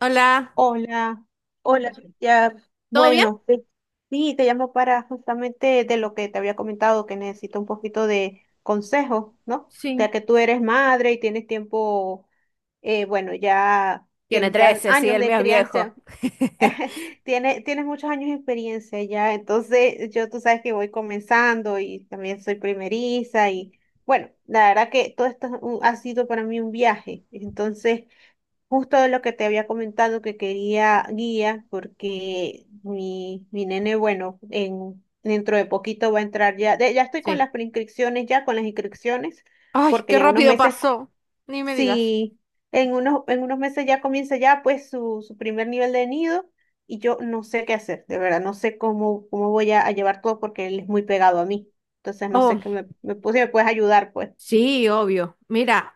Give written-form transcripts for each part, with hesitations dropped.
Hola, Hola, hola, ya, ¿todo bien? bueno, sí, te llamo para justamente de lo que te había comentado, que necesito un poquito de consejo, ¿no? Ya Sí, que tú eres madre y tienes tiempo, bueno, ya Tiene tienes ya 13, sí, años el de mío es viejo. crianza. Tienes muchos años de experiencia ya, entonces yo, tú sabes que voy comenzando y también soy primeriza, y bueno, la verdad que todo esto es ha sido para mí un viaje, entonces... Justo de lo que te había comentado que quería guía, porque mi nene, bueno, dentro de poquito va a entrar ya, ya estoy con Sí. las preinscripciones, ya con las inscripciones, Ay, porque qué ya unos rápido meses, pasó. Ni me digas. sí, en unos meses ya comienza ya, pues, su primer nivel de nido, y yo no sé qué hacer, de verdad, no sé cómo, cómo voy a llevar todo porque él es muy pegado a mí, entonces no sé Oh, qué pues, si me puedes ayudar, pues. sí, obvio. Mira,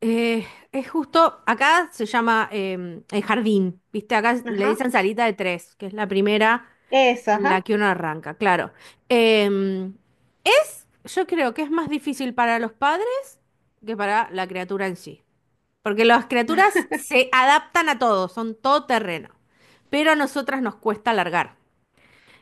eh, es justo, acá se llama el jardín, ¿viste? Acá le Ajá, dicen salita de tres, que es la primera esa, en la ajá, que uno arranca, claro. Em, yo creo que es más difícil para los padres que para la criatura en sí. Porque las criaturas se adaptan a todo, son todoterreno, pero a nosotras nos cuesta alargar.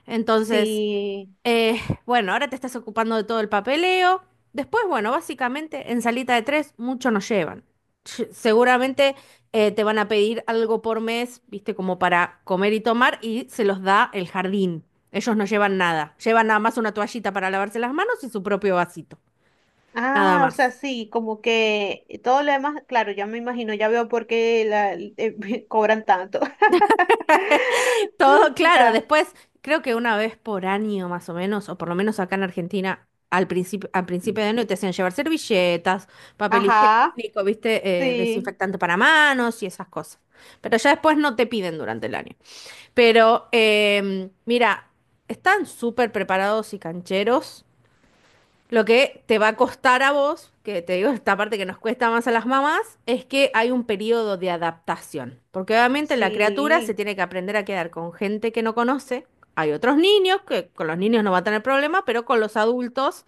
Entonces, sí. eh, bueno, ahora te estás ocupando de todo el papeleo. Después, bueno, básicamente en salita de tres mucho nos llevan. Seguramente te van a pedir algo por mes, viste, como para comer y tomar, y se los da el jardín. Ellos no llevan nada, llevan nada más una toallita para lavarse las manos y su propio vasito, nada Ah, o sea, más. sí, como que todo lo demás, claro, ya me imagino, ya veo por qué la, cobran tanto. Todo claro, Ya, después creo que una vez por año más o menos, o por lo menos acá en Argentina, al principio de año te hacían llevar servilletas, papel ajá, higiénico, viste. Sí, Desinfectante para manos y esas cosas. Pero ya después no te piden durante el año. Pero mira, están súper preparados y cancheros. Lo que te va a costar a vos, que te digo esta parte que nos cuesta más a las mamás, es que hay un periodo de adaptación. Porque obviamente la criatura se sí, tiene que aprender a quedar con gente que no conoce. Hay otros niños que con los niños no va a tener problema, pero con los adultos,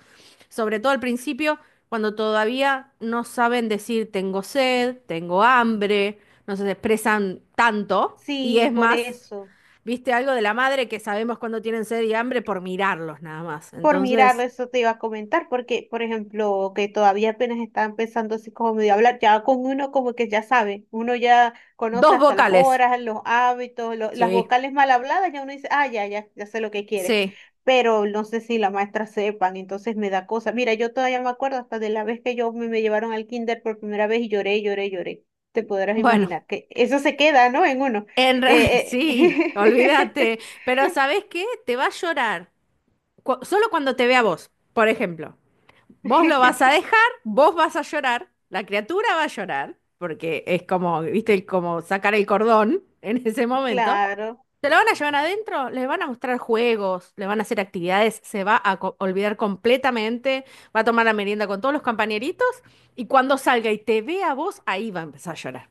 sobre todo al principio, cuando todavía no saben decir tengo sed, tengo hambre, no se expresan tanto y sí, es por más, eso. viste, algo de la madre que sabemos cuando tienen sed y hambre por mirarlos nada más. Por mirarlo, Entonces... eso te iba a comentar, porque, por ejemplo, que todavía apenas está empezando así como medio a hablar, ya con uno como que ya sabe, uno ya conoce Dos hasta las vocales. horas, los hábitos, las Sí, vocales mal habladas, ya uno dice, ah, ya sé lo que quiere, sí. pero no sé si la maestra sepan, entonces me da cosa. Mira, yo todavía me acuerdo hasta de la vez que yo me llevaron al kinder por primera vez y lloré, lloré, lloré. Te podrás Bueno, imaginar que eso se queda, ¿no? En uno. en realidad, Eh, sí, eh, olvídate. Pero ¿sabes qué? Te va a llorar. Solo cuando te vea vos, por ejemplo. Vos lo vas a dejar, vos vas a llorar, la criatura va a llorar, porque es como, viste, como sacar el cordón en ese momento. Claro. Se lo van a llevar adentro, les van a mostrar juegos, le van a hacer actividades, se va a olvidar completamente, va a tomar la merienda con todos los compañeritos y cuando salga y te vea a vos, ahí va a empezar a llorar.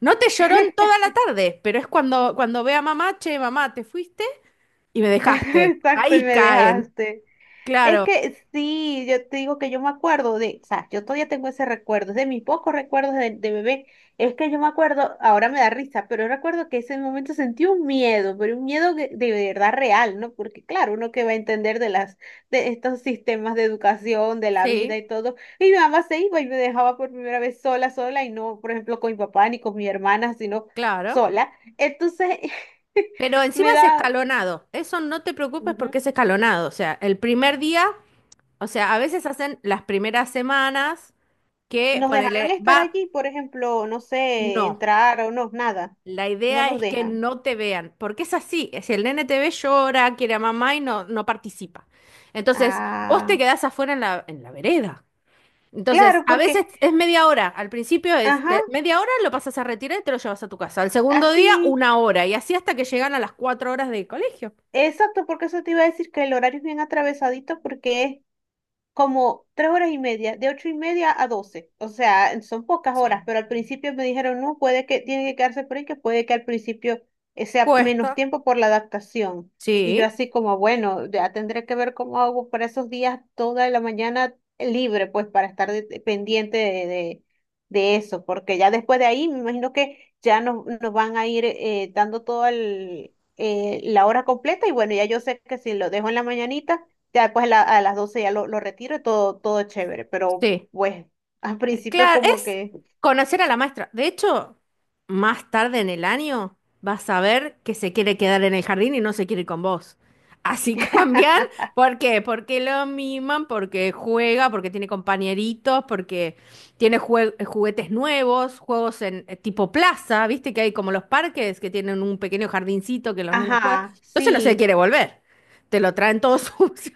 No te lloró en toda la tarde, pero es cuando ve a mamá, che, mamá, te fuiste y me dejaste. Exacto, y Ahí me caen, dejaste. Es claro, que sí, yo te digo que yo me acuerdo de, o sea, yo todavía tengo ese recuerdo, es de mis pocos recuerdos de bebé. Es que yo me acuerdo, ahora me da risa, pero yo recuerdo que ese momento sentí un miedo, pero un miedo de verdad real, ¿no? Porque claro, uno que va a entender de estos sistemas de educación, de la vida sí, y todo. Y mi mamá se iba y me dejaba por primera vez sola, sola, y no, por ejemplo, con mi papá ni con mi hermana, sino claro. sola. Entonces, Pero encima me es da... escalonado. Eso no te preocupes ujú. porque es escalonado. O sea, el primer día, o sea, a veces hacen las primeras semanas que ¿Nos dejarán ponele, estar va, allí, por ejemplo, no sé, no. entrar o no, nada? La No idea nos es que dejan. no te vean, porque es así. Si el nene te ve, llora, quiere a mamá y no, no participa. Entonces, vos te Ah, quedás afuera en la vereda. Entonces, claro, a porque, veces es media hora. Al principio es ajá, media hora, lo pasas a retirar y te lo llevas a tu casa. Al segundo día, así, una hora. Y así hasta que llegan a las cuatro horas de colegio. exacto, porque eso te iba a decir que el horario es bien atravesadito porque es como 3 horas y media, de 8:30 a 12. O sea, son pocas Sí. horas, pero al principio me dijeron, no, puede que tiene que quedarse por ahí, que puede que al principio sea menos Cuesta. tiempo por la adaptación. Y yo Sí, así como, bueno, ya tendré que ver cómo hago para esos días toda la mañana libre, pues para estar pendiente de eso, porque ya después de ahí me imagino que ya nos van a ir dando toda la hora completa, y bueno, ya yo sé que si lo dejo en la mañanita, ya pues a las 12 ya lo retiro y todo, todo chévere, pero sí. pues al principio Claro, como es que... conocer a la maestra. De hecho, más tarde en el año vas a ver que se quiere quedar en el jardín y no se quiere ir con vos. Así cambian. ¿Por qué? Porque lo miman, porque juega, porque tiene compañeritos, porque tiene juguetes nuevos, juegos en tipo plaza, ¿viste? Que hay como los parques que tienen un pequeño jardincito que los nenes juegan. Ajá, Entonces no se sí. quiere volver. Te lo traen todo sucio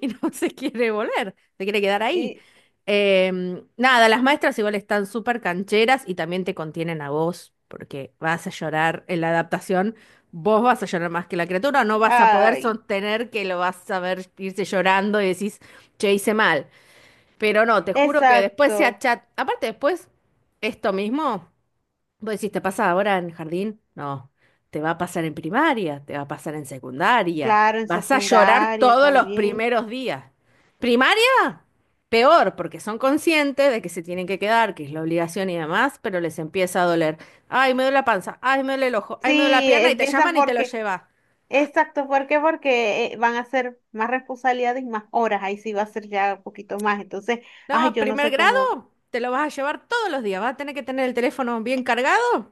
y no se quiere volver. Se quiere quedar ahí. Y, Nada, las maestras igual están súper cancheras y también te contienen a vos, porque vas a llorar en la adaptación, vos vas a llorar más que la criatura, no vas a poder ay, sostener que lo vas a ver irse llorando y decís, che, hice mal. Pero no, te juro que después se exacto. achat... Aparte, después, esto mismo. Vos decís, ¿te pasa ahora en jardín? No, te va a pasar en primaria, te va a pasar en secundaria, Claro, en vas a llorar secundaria todos los también. primeros días. Primaria, peor, porque son conscientes de que se tienen que quedar, que es la obligación y demás, pero les empieza a doler. Ay, me duele la panza, ay, me duele el ojo, ay, me duele la Sí, pierna y te empiezan llaman y te lo porque, llevas. exacto, ¿por qué? Porque van a ser más responsabilidades y más horas, ahí sí va a ser ya un poquito más. Entonces, ay, No, yo no primer sé cómo, grado, te lo vas a llevar todos los días, vas a tener que tener el teléfono bien cargado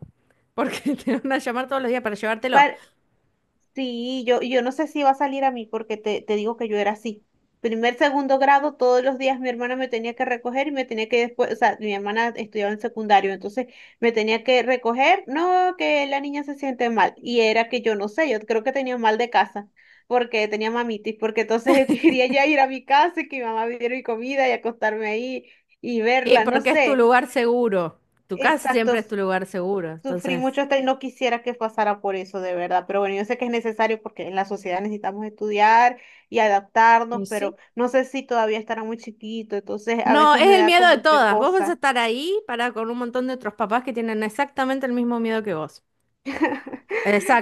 porque te van a llamar todos los días para llevártelo. sí, yo no sé si va a salir a mí porque te digo que yo era así. Primer, segundo grado, todos los días mi hermana me tenía que recoger y me tenía que después, o sea, mi hermana estudiaba en secundario, entonces me tenía que recoger, no, que la niña se siente mal. Y era que yo no sé, yo creo que tenía mal de casa porque tenía mamitis, porque entonces yo quería ya ir a mi casa y que mi mamá me diera mi comida y acostarme ahí y Y verla, no porque es tu sé. lugar seguro. Tu casa Exacto. siempre es tu lugar seguro. Sufrí Entonces. mucho esto y no quisiera que pasara por eso, de verdad. Pero bueno, yo sé que es necesario porque en la sociedad necesitamos estudiar y adaptarnos, Y pero sí. no sé si todavía estará muy chiquito, entonces a No, es veces me el da miedo de como que todas. Vos vas a cosa. estar ahí para con un montón de otros papás que tienen exactamente el mismo miedo que vos.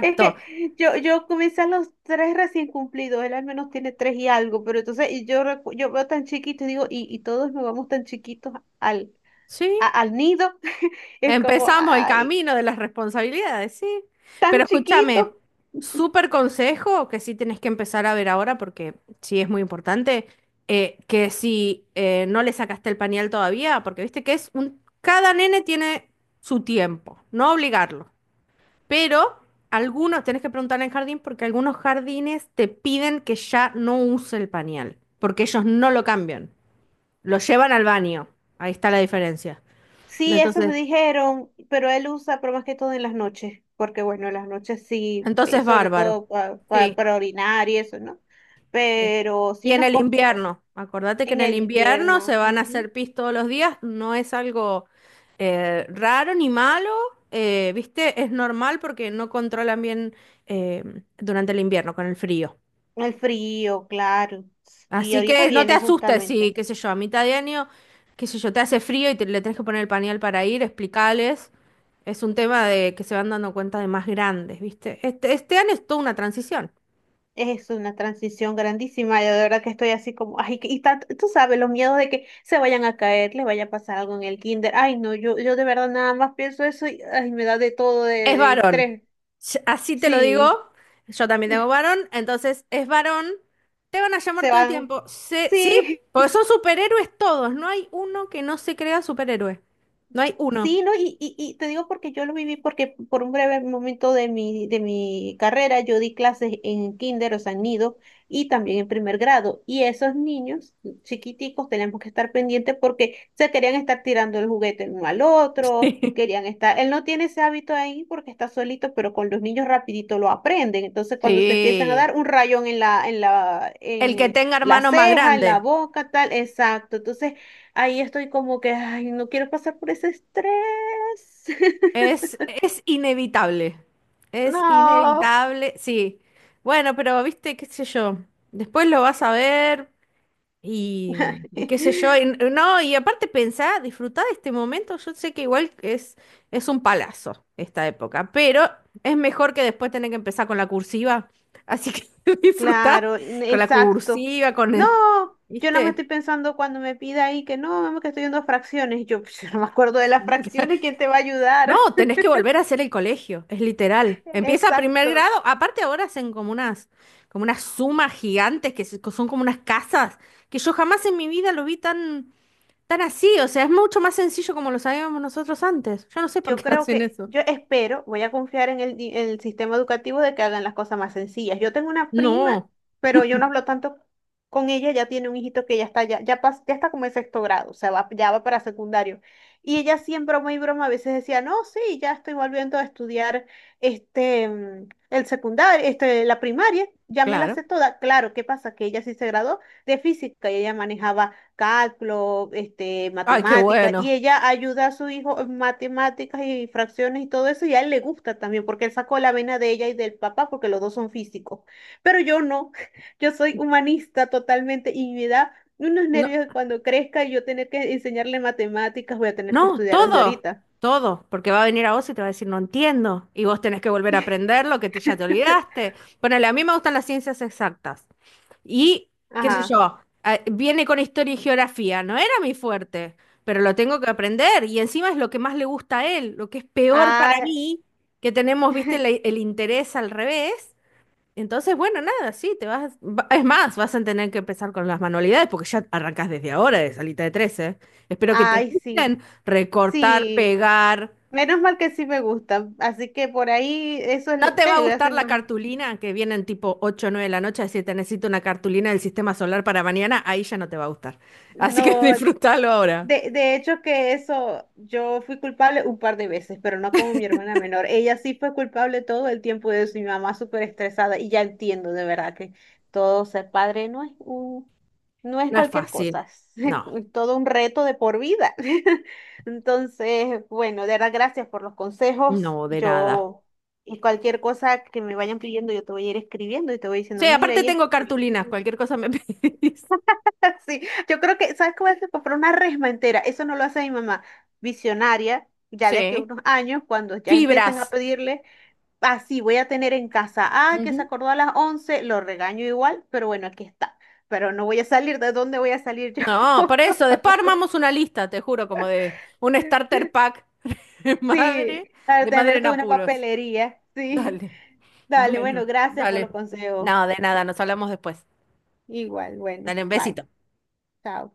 Es que yo comencé a los 3 recién cumplidos, él al menos tiene 3 y algo, pero entonces y yo, yo veo tan chiquito y digo, y todos nos vamos tan chiquitos al, Sí. Al nido. Es como, Empezamos el ay, camino de las responsabilidades, sí. tan Pero chiquito. escúchame, súper consejo que sí tenés que empezar a ver ahora porque sí es muy importante. Que si no le sacaste el pañal todavía, porque viste que es un. Cada nene tiene su tiempo, no obligarlo. Pero algunos, tenés que preguntar en jardín porque algunos jardines te piden que ya no use el pañal, porque ellos no lo cambian, lo llevan al baño. Ahí está la diferencia. Sí, eso Entonces, me dijeron, pero él usa, pero más que todo en las noches, porque bueno, en las noches sí, entonces sobre bárbaro. todo Sí, para orinar y eso, ¿no? sí. Pero Y sí en nos el costó invierno, acordate que en en el el invierno invierno, se van a ujú. hacer pis todos los días, no es algo raro ni malo, ¿viste? Es normal porque no controlan bien eh, durante el invierno con el frío. El frío, claro. Y Así ahorita que no te viene asustes si, justamente. qué sé yo, a mitad de año, qué sé yo, te hace frío y te, le tenés que poner el pañal para ir, explicales. Es un tema de que se van dando cuenta de más grandes, ¿viste? Este año es toda una transición. Es una transición grandísima, y de verdad que estoy así como, ay, y tú sabes, los miedos de que se vayan a caer, le vaya a pasar algo en el kinder, ay, no, yo de verdad nada más pienso eso y, ay, me da de todo de, Es de varón. estrés, Así te lo digo. sí, Yo también tengo varón, entonces es varón. Te van a llamar se todo el van, tiempo. Sí, sí, porque son superhéroes todos. No hay uno que no se crea superhéroe. No hay uno. sí, no, y te digo porque yo lo viví porque por un breve momento de mi carrera yo di clases en kinder, o sea, en nido, y también en primer grado. Y esos niños chiquiticos tenemos que estar pendientes porque se querían estar tirando el juguete el uno al otro, querían estar, él no tiene ese hábito ahí porque está solito, pero con los niños rapidito lo aprenden. Entonces cuando se empiezan a Sí. dar un rayón en la, en la, El que en tenga la hermano más ceja, en la grande. boca, tal, exacto. Entonces ahí estoy como que, ay, no quiero pasar por ese estrés. Es, es inevitable. Es No. inevitable, sí. Bueno, pero viste, qué sé yo. Después lo vas a ver y, y qué sé yo. No, y aparte pensá, disfrutá de este momento. Yo sé que es un palazo esta época, pero es mejor que después tener que empezar con la cursiva. Así que disfrutá Claro, con la exacto. cursiva, No, yo nada más ¿viste? estoy pensando cuando me pida ahí que no, mamá, que estoy en dos fracciones. Y yo, pues, yo no me acuerdo de las fracciones, ¿quién te va a ayudar? No, tenés que volver a hacer el colegio, es literal. Empieza primer Exacto. grado, aparte ahora hacen como unas sumas gigantes que son como unas casas, que yo jamás en mi vida lo vi tan, tan así, o sea, es mucho más sencillo como lo sabíamos nosotros antes. Yo no sé por Yo qué creo hacen que, eso. yo espero, voy a confiar en en el sistema educativo de que hagan las cosas más sencillas. Yo tengo una prima, No, pero yo no hablo tanto con ella, ya tiene un hijito que ya está, ya está como en sexto grado, o sea, ya va para secundario. Y ella siempre, muy broma, a veces decía, no, sí, ya estoy volviendo a estudiar este, el secundario, este, la primaria, ya me la claro. sé toda. Claro, ¿qué pasa? Que ella sí se graduó de física, y ella manejaba cálculo, este, Ay, qué matemáticas, y bueno. ella ayuda a su hijo en matemáticas y fracciones y todo eso, y a él le gusta también, porque él sacó la vena de ella y del papá, porque los dos son físicos. Pero yo no, yo soy humanista totalmente y me da unos No, nervios cuando crezca y yo tener que enseñarle matemáticas, voy a tener que no, estudiar desde ahorita. todo, porque va a venir a vos y te va a decir, no entiendo, y vos tenés que volver a aprender lo que ya te olvidaste. Ponele, a mí me gustan las ciencias exactas. Y, qué sé Ajá. yo, viene con historia y geografía, no era mi fuerte, pero lo tengo que aprender y encima es lo que más le gusta a él, lo que es peor para Ah, mí, que tenemos, viste, el, interés al revés. Entonces, bueno, nada, sí, te vas, es más, vas a tener que empezar con las manualidades porque ya arrancas desde ahora de salita de trece. Espero que te ay, sí. gusten recortar, Sí. pegar. Menos mal que sí me gusta. Así que por ahí eso es No lo te va que a yo gustar soy la más. cartulina que vienen tipo ocho o 9 de la noche, decir, te necesito una cartulina del sistema solar para mañana, ahí ya no te va a gustar. Así que No. disfrútalo ahora. De hecho que eso, yo fui culpable un par de veces, pero no como mi hermana menor. Ella sí fue culpable todo el tiempo de eso, y mi mamá súper estresada, y ya entiendo de verdad que todo ser padre no es un, no es No es cualquier fácil. cosa, No, es todo un reto de por vida. Entonces, bueno, de verdad gracias por los consejos. no, de nada. Yo y cualquier cosa que me vayan pidiendo, yo te voy a ir escribiendo y te voy diciendo, Sí, mira, aparte y esto. tengo cartulinas, cualquier cosa me pedís. Sí, yo creo que, ¿sabes cómo se compró una resma entera? Eso no lo hace mi mamá. Visionaria, ya de aquí a Sí. unos años, cuando ya empiecen a Fibras. pedirle, así voy a tener en casa, ah, que se Ujú. acordó a las 11, lo regaño igual, pero bueno, aquí está. Pero no voy a salir, ¿de dónde voy a salir yo? No, por eso, después armamos una lista, te juro, como de un starter pack de Sí, madre, al de madre tener en toda una apuros. papelería, sí. Dale. Dale, Bueno, bueno, gracias por los dale. consejos. No, de nada, nos hablamos después. Igual, bueno, Dale un bye, besito. chao.